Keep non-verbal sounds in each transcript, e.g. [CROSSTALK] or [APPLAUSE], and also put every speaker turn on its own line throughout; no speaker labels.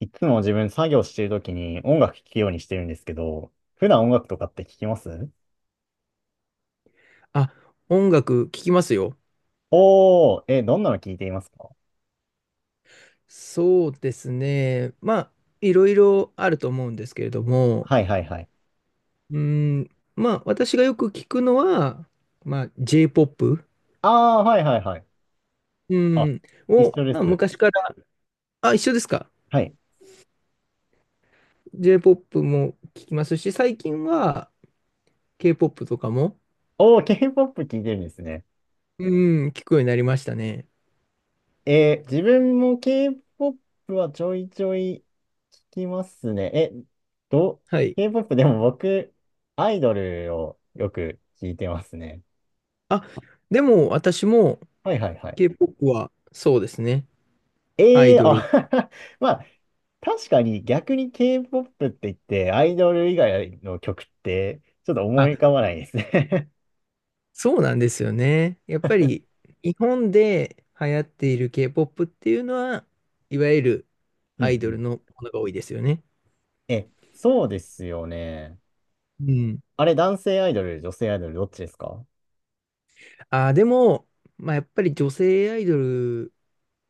いつも自分作業してるときに音楽聴くようにしてるんですけど、普段音楽とかって聴きます？
あ、音楽聴きますよ。
おー、え、どんなの聴いていますか？
そうですね。まあ、いろいろあると思うんですけれども、
はいはいはい。
うん、まあ、私がよく聞くのは、まあ、J-POP、
あー、はいはいはい。
う
あ、
ん、を、
一緒で
まあ、
す。
昔から。あ、一緒ですか？
はい。
J-POP も聞きますし、最近は K-POP とかも、
おー、K-POP 聴いてるんですね。
うん、聞くようになりましたね。
自分も K-POP はちょいちょい聴きますね。ど、
はい。
K-POP でも僕、アイドルをよく聴いてますね。
あ、でも私も
はいはいはい。
K-POP は、そうですね。ア
え
イ
え
ドル。
あ [LAUGHS] まあ、確かに逆に K-POP って言って、アイドル以外の曲って、ちょっと思
あ、
い浮かばないですね。
そうなんですよね。やっぱり日本で流行っている K-POP っていうのは、いわゆる
[LAUGHS] うんう
アイドル
ん。
のものが多いですよね。
え、そうですよね。
うん。
あれ、男性アイドル、女性アイドル、どっちですか？
でも、まあ、やっぱり女性アイドル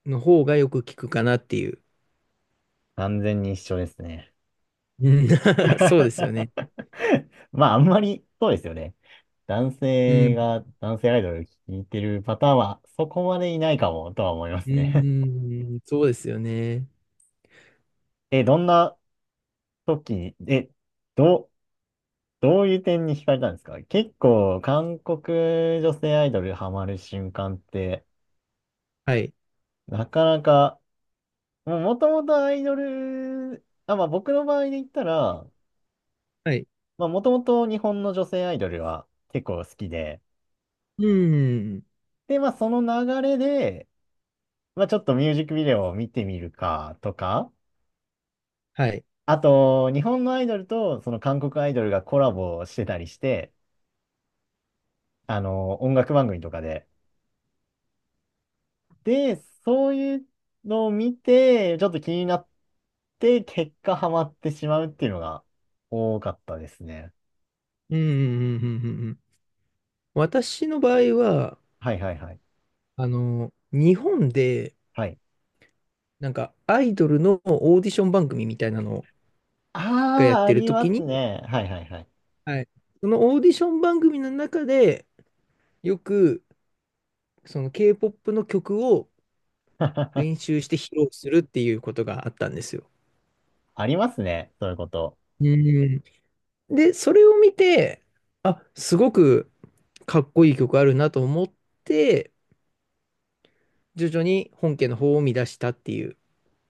の方がよく聞くかなっていう。
完全に一緒ですね。
うん、 [LAUGHS] そうですよね。
[LAUGHS] まあ、あんまり、そうですよね。男
う
性
ん。
が、男性アイドル聴いてるパターンは、そこまでいないかも、とは思いますね。
うん、そうですよね。
[LAUGHS] どんな時に、え、どう、どういう点に惹かれたんですか？結構、韓国女性アイドルハマる瞬間って、
はい。
なかなか、もう元々アイドル、あ、まあ僕の場合で言ったら、
はい。
まあもともと日本の女性アイドルは結構好きで、
うん。
で、まあその流れで、まあちょっとミュージックビデオを見てみるかとか、
はい。
あと、日本のアイドルとその韓国アイドルがコラボしてたりして、音楽番組とかで、で、そういうのを見て、ちょっと気になって、結果ハマってしまうっていうのが多かったですね。
うん。うんうんうんうんうん。私の場合は、
はいはいはい。
日本で、
はい。
なんか、アイドルのオーディション番組みたいなのがやっ
ああ、あ
てる
りま
時
す
に、
ね。はいはいはい。
はい、そのオーディション番組の中で、よく、その K-POP の曲を練
[LAUGHS]
習して披露するっていうことがあったんですよ。
ありますね。そういうこと。
うん。で、それを見て、あ、すごくかっこいい曲あるなと思って、徐々に本家の方を見出したっていう。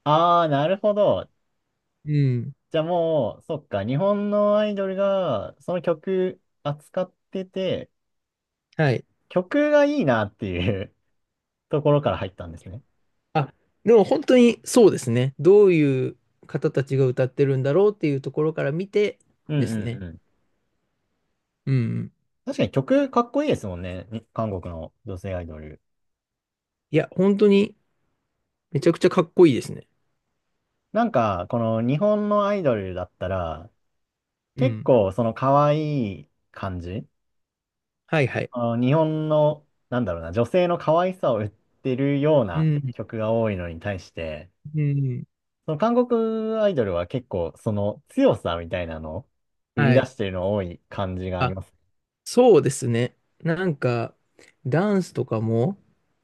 ああ、なるほど。
うん。
じゃあもう、そっか。日本のアイドルが、その曲扱ってて、
はい。
曲がいいなっていう [LAUGHS] ところから入ったんですね。
あ、でも本当にそうですね。どういう方たちが歌ってるんだろうっていうところから見て
うん
です
うん
ね。
うん。
うんうん。
確かに曲かっこいいですもんね。に韓国の女性アイドル。
いや、本当にめちゃくちゃかっこいいですね。
なんか、この日本のアイドルだったら、
う
結
ん。
構その可愛い感じ、
はいはい。
日本の、なんだろうな、女性の可愛さを売ってるよう
う
な
ん。
曲が多いのに対して、
うん。
その韓国アイドルは結構その強さみたいなのを売り
は
出
い。
してるの多い感じがあり
あ、
ます。
そうですね。なんか、ダンスとかも、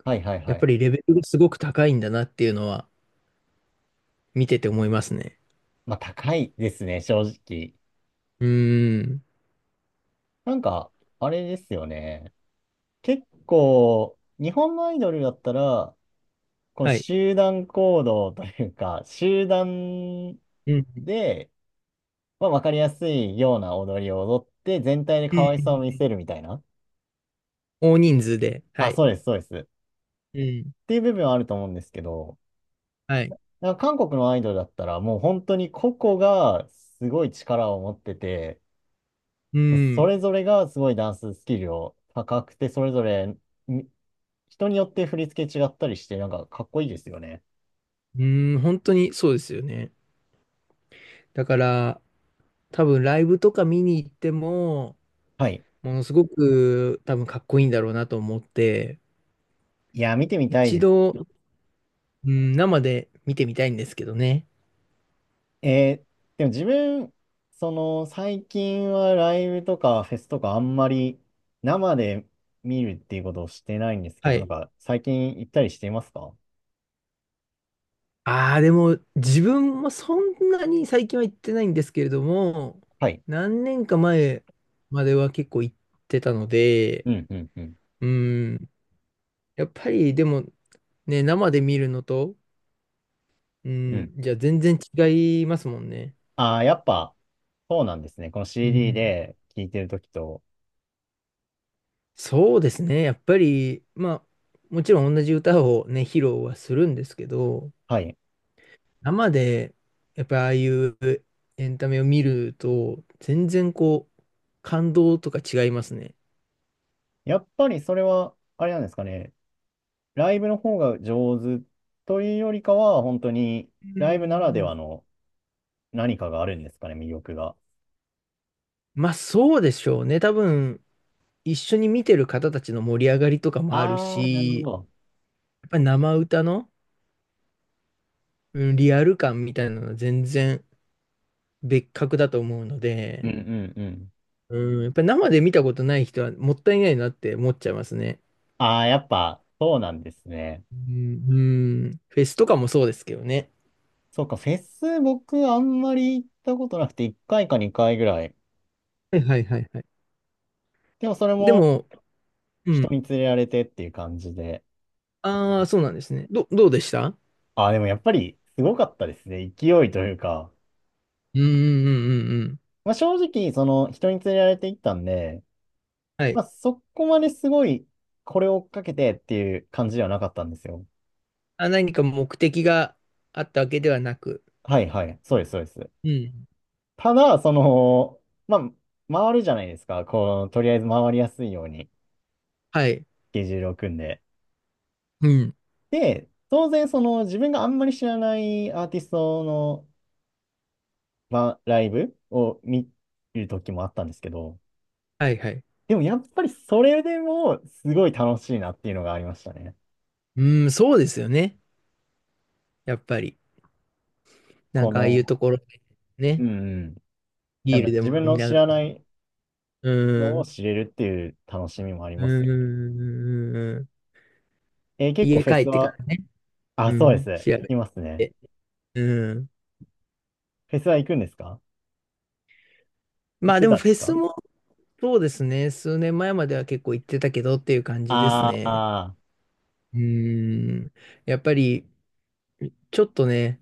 はいはい
や
は
っ
い。
ぱりレベルがすごく高いんだなっていうのは見てて思いますね。
まあ高いですね、正直。
うーん。
なんか、あれですよね。結構、日本のアイドルだったら、この
はい。
集団行動というか、[LAUGHS] 集団
うん。
で、まあ、わかりやすいような踊りを踊って、全体で
う
可愛さを見
ん。
せるみたいな。
大人数で。は
あ、
い。
そうです、そうです。っ
うん。
ていう部分はあると思うんですけど、
はい。
なんか韓国のアイドルだったら、もう本当に個々がすごい力を持ってて、
う
そ
ん。
れぞれがすごいダンススキルを高くて、それぞれみ人によって振り付け違ったりして、なんかかっこいいですよね。
うーん、本当にそうですよね。だから、多分ライブとか見に行っても、
はい。
ものすごく多分かっこいいんだろうなと思って、
いや、見てみたい
一
です。
度、うん、生で見てみたいんですけどね。
えーでも自分、その最近はライブとかフェスとかあんまり生で見るっていうことをしてないんですけ
は
ど、なん
い。
か最近行ったりしていますか？
ああ、でも自分もそんなに最近は行ってないんですけれども、
はい。
何年か前までは結構行ってたので、
うんうんうん
うん、やっぱりでもね、生で見るのと、う
うん。
ん、じゃあ全然違いますもんね。
ああ、やっぱそうなんですね。この
う
CD
ん、
で聴いてるときと。
そうですね。やっぱり、まあ、もちろん同じ歌をね、披露はするんですけど、
はい。
生で、やっぱりああいうエンタメを見ると、全然こう、感動とか違いますね。
やっぱりそれは、あれなんですかね。ライブの方が上手というよりかは、本当に
う
ライブならでは
ん、
の何かがあるんですかね、魅力が。
まあ、そうでしょうね。多分、一緒に見てる方たちの盛り上がりとかもある
ああ、なるほ
し、や
ど。
っぱり生歌の、うん、リアル感みたいなのは全然別格だと思うの
うんうん
で、
うん。
うん、やっぱり生で見たことない人はもったいないなって思っちゃいますね。
ああ、やっぱ、そうなんですね。
うん、うん、フェスとかもそうですけどね。
そうか、フェス、僕、あんまり行ったことなくて、1回か2回ぐらい。
はいはいはいはい。
でも、それ
で
も、
も、う
人
ん。
に連れられてっていう感じで。
ああ、そうなんですね。どうでした？
ああ、でも、やっぱり、すごかったですね。勢いというか。
うんうんうんうんうん。
まあ、正直、その、人に連れられて行ったんで、
はい。
まあ、そこまですごい、これを追っかけてっていう感じではなかったんですよ。
あ、何か目的があったわけではなく。
はい、はい。そうです、そうです。
うん。
ただ、その、まあ、回るじゃないですか。こう、とりあえず回りやすいように、ス
はい。
ケジュールを組んで。
うん。
で、当然その自分があんまり知らないアーティストのライブを見る時もあったんですけど、
はいはい。
でもやっぱりそれでもすごい楽しいなっていうのがありましたね。
うん、そうですよね。やっぱり。なん
こ
かああいう
の、
ところで
う
ね。
んうん、なん
ビー
か
ルで
自
も飲
分
み
の
な
知
がら。
らない
う
の
ん。う
を
ん
知れるっていう楽しみもあり
う
ます
ん
よね。
うんうん。
結構
家
フェ
帰
ス
ってか
は、
らね。
あ、
う
そうで
ん。
す。聞
調べ
きますね。
て。うん。
フェスは行くんですか？行
ま
っ
あ
て
で
た
も
んで
フ
す
ェス
か？
もそうですね。数年前までは結構行ってたけどっていう感じですね。
ああ
うーん。やっぱり、ちょっとね、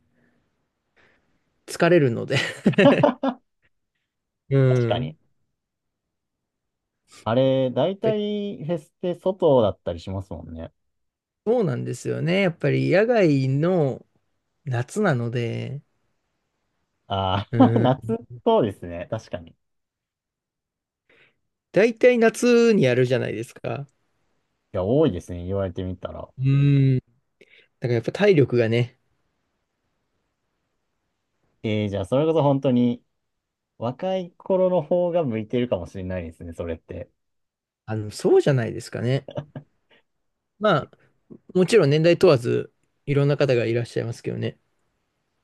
疲れるので [LAUGHS]
ー、
う
確か
ん。[LAUGHS] やっ
に。あれ、大
ぱり
体フェスって外だったりしますもんね。
そうなんですよね。やっぱり野外の夏なので、
あ
う
あ、[LAUGHS]
ん。
夏、そうですね。確かに。い
大体夏にやるじゃないですか。
や、多いですね。言われてみたら。
うん。だからやっぱ体力がね、
えー、じゃあ、それこそ本当に、若い頃の方が向いてるかもしれないですね、それって。
そうじゃないですかね。まあ、もちろん年代問わず、いろんな方がいらっしゃいますけどね。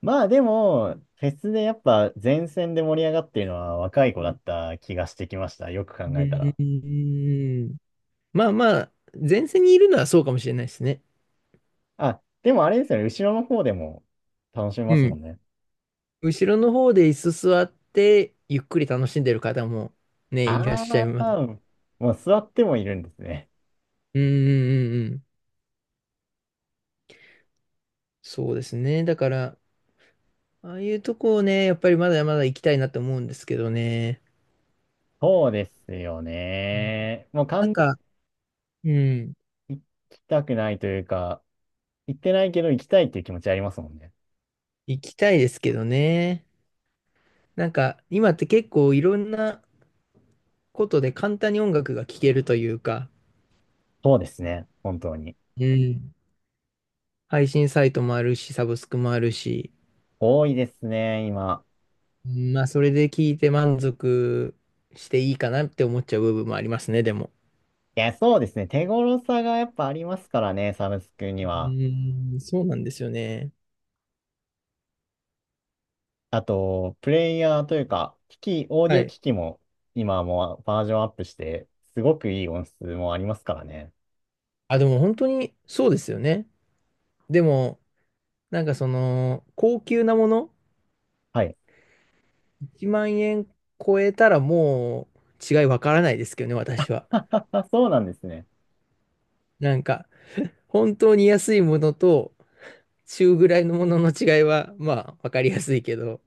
まあ、でも、フェスでやっぱ前線で盛り上がってるのは若い子だった気がしてきました。よく考
う
えたら。
ーん。まあまあ、前線にいるのはそうかもしれないですね。
あ、でもあれですよね。後ろの方でも楽しめ
う
ますも
ん。
んね。
後ろの方で椅子座って、ゆっくり楽しんでる方もね、いらっ
あ
しゃいます。
あ、もう座ってもいるんですね。
うんうんうんうん。そうですね。だから、ああいうとこをね、やっぱりまだまだ行きたいなと思うんですけどね。
そうですよね。もう
なん
完全
か、うん、
に行きたくないというか、行ってないけど行きたいっていう気持ちありますもんね。
行きたいですけどね。なんか、今って結構いろんなことで簡単に音楽が聴けるというか、
そうですね。本当に。
うん。配信サイトもあるし、サブスクもあるし、
多いですね、今。
まあ、それで聞いて満足していいかなって思っちゃう部分もありますね、でも。
いや、そうですね。手頃さがやっぱありますからね、サブスクに
う
は。
ーん、そうなんですよね。
あと、プレイヤーというか、機器、オーデ
は
ィオ
い。
機器も今はもうバージョンアップして、すごくいい音質もありますからね。
あ、でも本当にそうですよね。でも、なんかその、高級なもの、
はい。
1万円超えたらもう違いわからないですけどね、私は。
[LAUGHS] そうなんですね。
なんか、本当に安いものと中ぐらいのものの違いは、まあ、わかりやすいけど、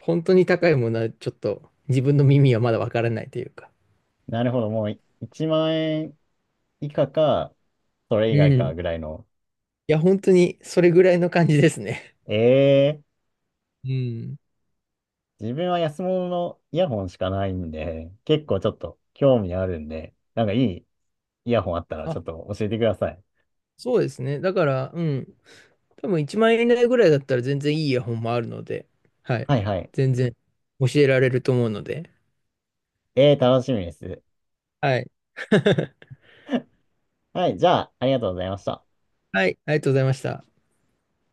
本当に高いものはちょっと自分の耳はまだわからないというか。
なるほど。もう1万円以下か、それ
う
以外か
ん。
ぐらいの。
いや、本当にそれぐらいの感じですね。
ええ
うん。
自分は安物のイヤホンしかないんで、結構ちょっと興味あるんで、なんかいいイヤホンあったらちょ
あ、
っと教えてください。
そうですね。だから、うん。多分1万円以内ぐらいだったら全然いいイヤホンもあるので、はい。
はいはい。
全然教えられると思うので、
えー、楽しみです。
はい。[LAUGHS]
[LAUGHS] はい、じゃあ、ありがとうございました。
はい、ありがとうございました。